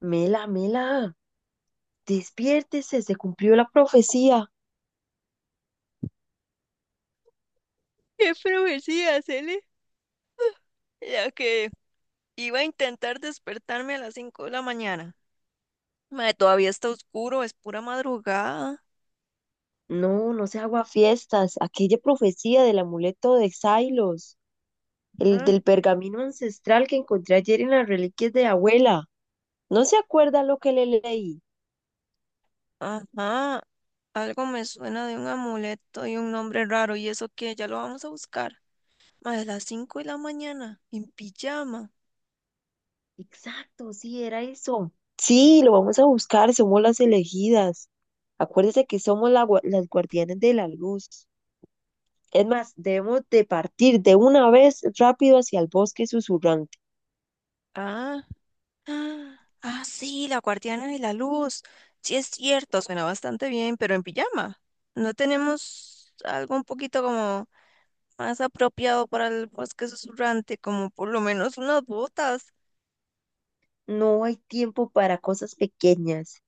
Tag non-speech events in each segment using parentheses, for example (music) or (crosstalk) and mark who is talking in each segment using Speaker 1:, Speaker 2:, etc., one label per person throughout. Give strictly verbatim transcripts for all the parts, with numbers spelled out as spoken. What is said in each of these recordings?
Speaker 1: Mela, Mela, despiértese, se cumplió la profecía.
Speaker 2: ¿Qué profecía, Cele? Ya que iba a intentar despertarme a las cinco de la mañana. Mae, todavía está oscuro, es pura madrugada.
Speaker 1: No, no se haga fiestas, aquella profecía del amuleto de Xylos, el
Speaker 2: Mm.
Speaker 1: del pergamino ancestral que encontré ayer en las reliquias de abuela. ¿No se acuerda lo que le leí?
Speaker 2: Ajá, algo me suena de un amuleto y un nombre raro. ¿Y eso qué? Ya lo vamos a buscar. Mae, a las cinco de la mañana, en pijama.
Speaker 1: Exacto, sí, era eso. Sí, lo vamos a buscar, somos las elegidas. Acuérdese que somos la gua- las guardianes de la luz. Es más, debemos de partir de una vez rápido hacia el bosque susurrante.
Speaker 2: Ah, ah, ah, sí, la guardiana de la luz. Sí, es cierto, suena bastante bien, pero en pijama. ¿No tenemos algo un poquito como más apropiado para el bosque susurrante, como por lo menos unas botas,
Speaker 1: No hay tiempo para cosas pequeñas.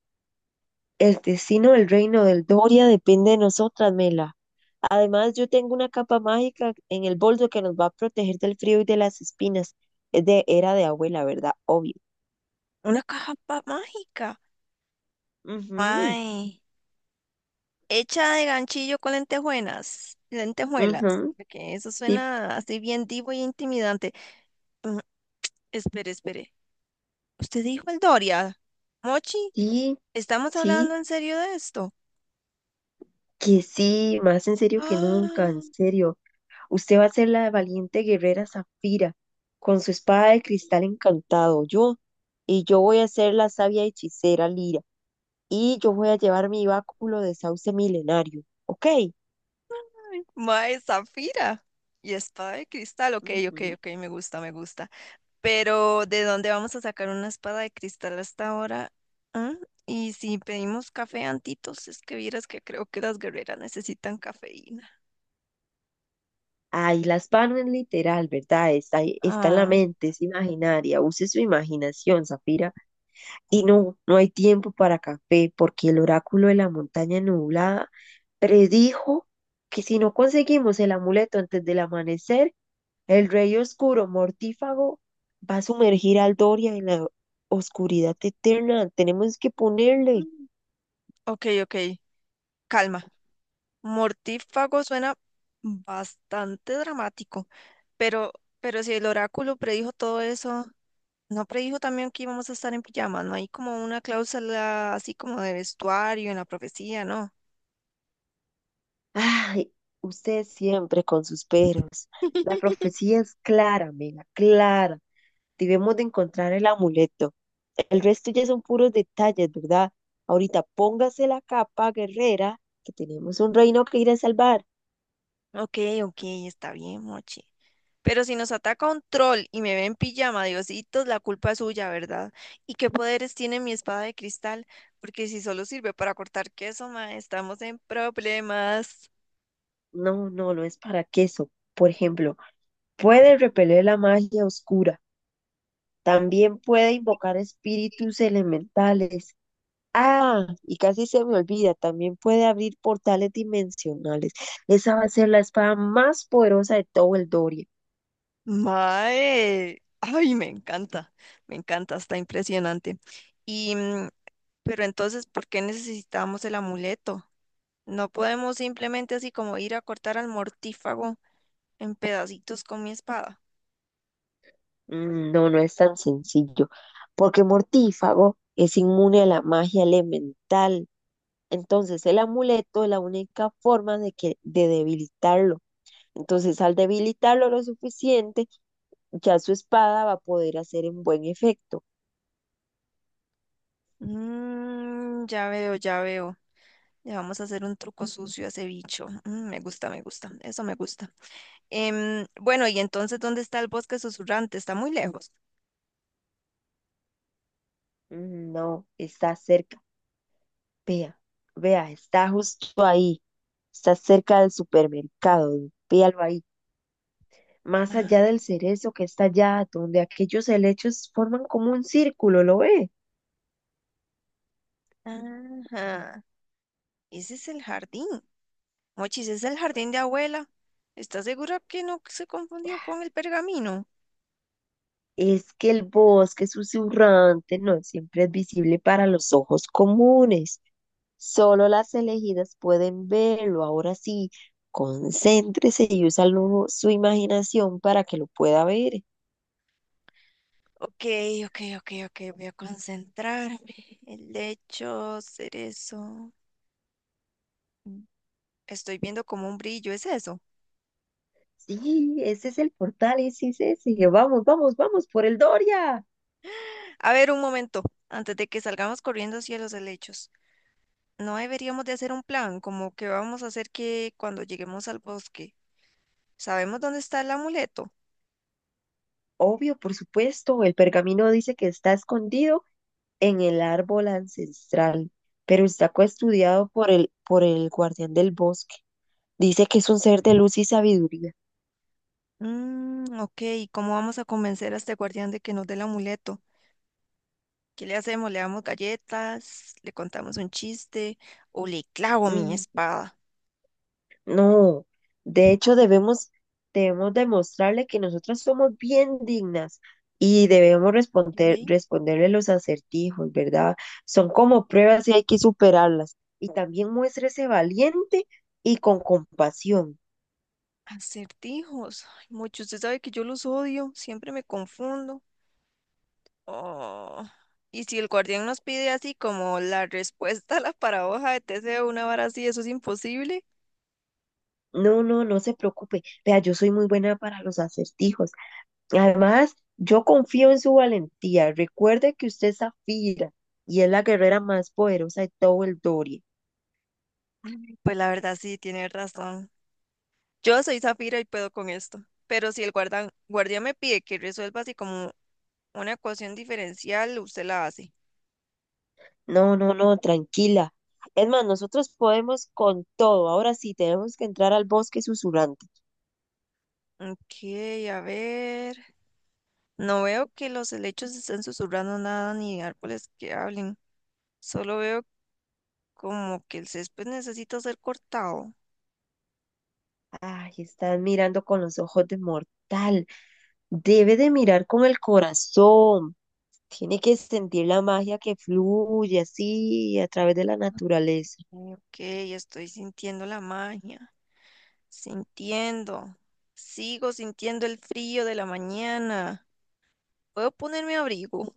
Speaker 1: El destino del reino del Doria depende de nosotras, Mela. Además, yo tengo una capa mágica en el bolso que nos va a proteger del frío y de las espinas. Es de era de abuela, ¿verdad? Obvio.
Speaker 2: una caja pa- mágica?
Speaker 1: Ujú,
Speaker 2: Ay, hecha de ganchillo con lentejuelas, lentejuelas,
Speaker 1: ujú,
Speaker 2: porque eso
Speaker 1: sí,
Speaker 2: suena así bien divo y intimidante. Mm, Espere, espere. ¿Usted dijo el Doria? Mochi,
Speaker 1: sí,
Speaker 2: ¿estamos hablando
Speaker 1: sí,
Speaker 2: en serio de esto?
Speaker 1: que sí, más en
Speaker 2: (gasps)
Speaker 1: serio que nunca, en
Speaker 2: ¡Ah!
Speaker 1: serio. Usted va a ser la valiente guerrera Zafira, con su espada de cristal encantado. Yo, y yo voy a ser la sabia hechicera Lira. Y yo voy a llevar mi báculo de sauce milenario, ¿ok?
Speaker 2: Mae, Zafira y espada de cristal. Ok, ok,
Speaker 1: Ujú.
Speaker 2: ok, me gusta, me gusta. Pero ¿de dónde vamos a sacar una espada de cristal hasta ahora? ¿Ah? Y si pedimos café antitos, es que vieras que creo que las guerreras necesitan cafeína.
Speaker 1: Ahí las pan es literal, ¿verdad? Está, ahí- está en la
Speaker 2: Ah,
Speaker 1: mente, es imaginaria. Use su imaginación, Zafira. Y no, no hay tiempo para café, porque el oráculo de la montaña nublada predijo que si no conseguimos el amuleto antes del amanecer, el rey oscuro mortífago va a sumergir al Doria en la oscuridad eterna. Tenemos que ponerle.
Speaker 2: mm, ok, ok, calma. Mortífago suena bastante dramático, pero, pero si el oráculo predijo todo eso, ¿no predijo también que íbamos a estar en pijama? ¿No hay como una cláusula así como de vestuario en la profecía, no?
Speaker 1: Ay, usted siempre con sus peros. La profecía es clara, Mela, clara. Debemos de encontrar el amuleto. El resto ya son puros detalles, ¿verdad? Ahorita póngase la capa, guerrera, que tenemos un reino que ir a salvar.
Speaker 2: Ok, ok, está bien, Mochi. Pero si nos ataca un troll y me ve en pijama, Diositos, la culpa es suya, ¿verdad? ¿Y qué poderes tiene mi espada de cristal? Porque si solo sirve para cortar queso, mae, estamos en problemas.
Speaker 1: No, no, no es para queso. Por ejemplo, puede repeler la magia oscura. También puede invocar espíritus elementales. Ah, y casi se me olvida, también puede abrir portales dimensionales. Esa va a ser la espada más poderosa de todo el Doria.
Speaker 2: Mae, ay, me encanta, me encanta, está impresionante. Y, mm, pero entonces, ¿por qué necesitamos el amuleto? No podemos simplemente así como ir a cortar al mortífago en pedacitos con mi espada.
Speaker 1: Mm, no, no es tan sencillo, porque Mortífago es inmune a la magia elemental. Entonces, el amuleto es la única forma de que de debilitarlo. Entonces, al debilitarlo lo suficiente, ya su espada va a poder hacer un buen efecto.
Speaker 2: Mm, ya veo, ya veo. Le vamos a hacer un truco sucio a ese bicho. Mm, me gusta, me gusta. Eso me gusta. Em, bueno, y entonces, ¿dónde está el bosque susurrante? Está muy lejos.
Speaker 1: Mm, no, está cerca. Vea, vea, está justo ahí. Está cerca del supermercado. Véalo ahí. Más allá del cerezo que está allá, donde aquellos helechos forman como un círculo, ¿lo ve?
Speaker 2: Ajá. Ese es el jardín. Mochis, es el jardín de abuela. ¿Estás segura que no se confundió con el pergamino?
Speaker 1: Es que el bosque susurrante no siempre es visible para los ojos comunes. Solo las elegidas pueden verlo. Ahora sí, concéntrese y usa lo- su imaginación para que lo pueda ver.
Speaker 2: Ok, ok, ok, ok. Voy a concentrarme. El lecho, cerezo. Mm, Estoy viendo como un brillo. ¿Es eso?
Speaker 1: Sí, ese es el portal, ese es ese. Vamos, vamos, vamos por el Doria.
Speaker 2: A ver, un momento. Antes de que salgamos corriendo hacia los helechos. No deberíamos de hacer un plan, como que vamos a hacer que cuando lleguemos al bosque, ¿sabemos dónde está el amuleto?
Speaker 1: Obvio, por supuesto, el pergamino dice que está escondido en el árbol ancestral, pero está custodiado por el, por el guardián del bosque. Dice que es un ser de luz y sabiduría.
Speaker 2: Mm, ok, ¿y cómo vamos a convencer a este guardián de que nos dé el amuleto? ¿Qué le hacemos? ¿Le damos galletas? ¿Le contamos un chiste? ¿O le clavo mi
Speaker 1: Mm,
Speaker 2: espada?
Speaker 1: no, de hecho debemos, debemos demostrarle que nosotras somos bien dignas y debemos responder,
Speaker 2: Ey,
Speaker 1: responderle los acertijos, ¿verdad? Son como pruebas y hay que superarlas. Y también muéstrese valiente y con compasión.
Speaker 2: acertijos. Ay, mucho, usted sabe que yo los odio, siempre me confundo. Oh. Y si el guardián nos pide así como la respuesta a la paradoja de Teseo, una vara así, eso es imposible.
Speaker 1: No, no, no se preocupe. Vea, yo soy muy buena para los acertijos. Además, yo confío en su valentía. Recuerde que usted es Zafira y es la guerrera más poderosa de todo el Doria.
Speaker 2: Pues la verdad sí, tiene razón. Yo soy Zafira y puedo con esto, pero si el guardan- guardia me pide que resuelva así como una ecuación diferencial, usted la hace.
Speaker 1: No, no, no, tranquila. Es más, nosotros podemos con todo. Ahora sí, tenemos que entrar al bosque susurrante.
Speaker 2: Ok, a ver. No veo que los helechos estén susurrando nada ni árboles que hablen. Solo veo como que el césped necesita ser cortado.
Speaker 1: Ay, están mirando con los ojos de mortal. Debe de mirar con el corazón. Tiene que sentir la magia que fluye así a través de la naturaleza.
Speaker 2: Ok, estoy sintiendo la magia. Sintiendo. Sigo sintiendo el frío de la mañana. ¿Puedo ponerme abrigo?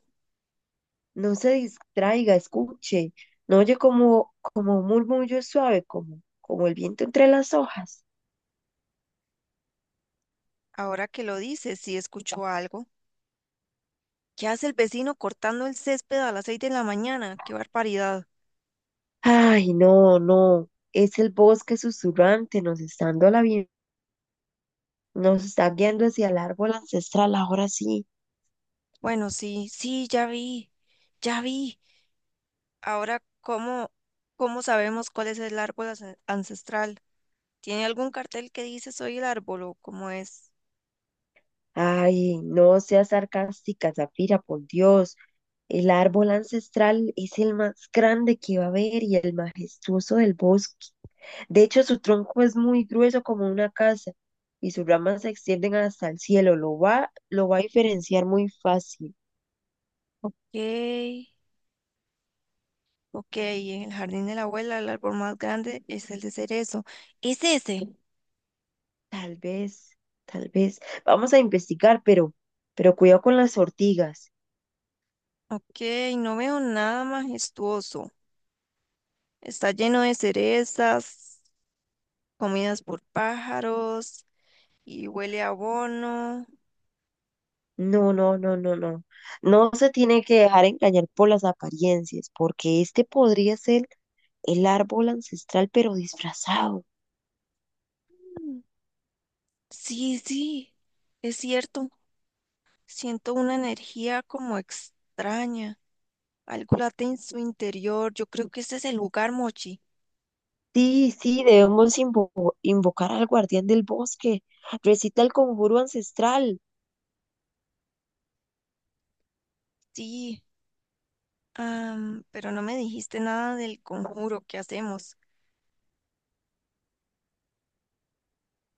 Speaker 1: No se distraiga, escuche, no oye como, como un murmullo suave, como, como el viento entre las hojas.
Speaker 2: Ahora que lo dices, sí escucho algo. ¿Qué hace el vecino cortando el césped a las seis de la mañana? ¡Qué barbaridad!
Speaker 1: Ay, no, no, es el bosque susurrante, nos está dando la bien- nos está guiando hacia el árbol ancestral, ahora sí.
Speaker 2: Bueno, sí, sí, ya vi, ya vi. Ahora, ¿cómo, cómo sabemos cuál es el árbol ance- ancestral? ¿Tiene algún cartel que dice soy el árbol o cómo es?
Speaker 1: Ay, no seas sarcástica, Zafira, por Dios. El árbol ancestral es el más grande que va a haber y el majestuoso del bosque. De hecho, su tronco es muy grueso como una casa y sus ramas se extienden hasta el cielo. Lo va, lo va a diferenciar muy fácil.
Speaker 2: Ok, ok, en el jardín de la abuela el árbol más grande es el de cerezo. ¿Es ese?
Speaker 1: Tal vez, tal vez. Vamos a investigar, pero, pero cuidado con las ortigas.
Speaker 2: Ok, no veo nada majestuoso. Está lleno de cerezas, comidas por pájaros y huele a abono.
Speaker 1: No, no, no, no, no. No se tiene que dejar engañar por las apariencias, porque este podría ser el árbol ancestral, pero disfrazado.
Speaker 2: Mm, sí, sí, es cierto. Siento una energía como extraña, algo late en su interior. Yo creo que ese es el lugar, Mochi.
Speaker 1: Sí, sí, debemos invo- invocar al guardián del bosque. Recita el conjuro ancestral.
Speaker 2: Sí, am, pero no me dijiste nada del conjuro que hacemos.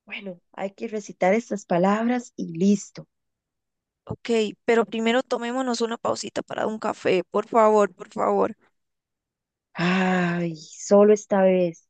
Speaker 1: Bueno, hay que recitar estas palabras y listo.
Speaker 2: Ok, pero primero tomémonos una pausita para un café, por favor, por favor.
Speaker 1: Ay, solo esta vez.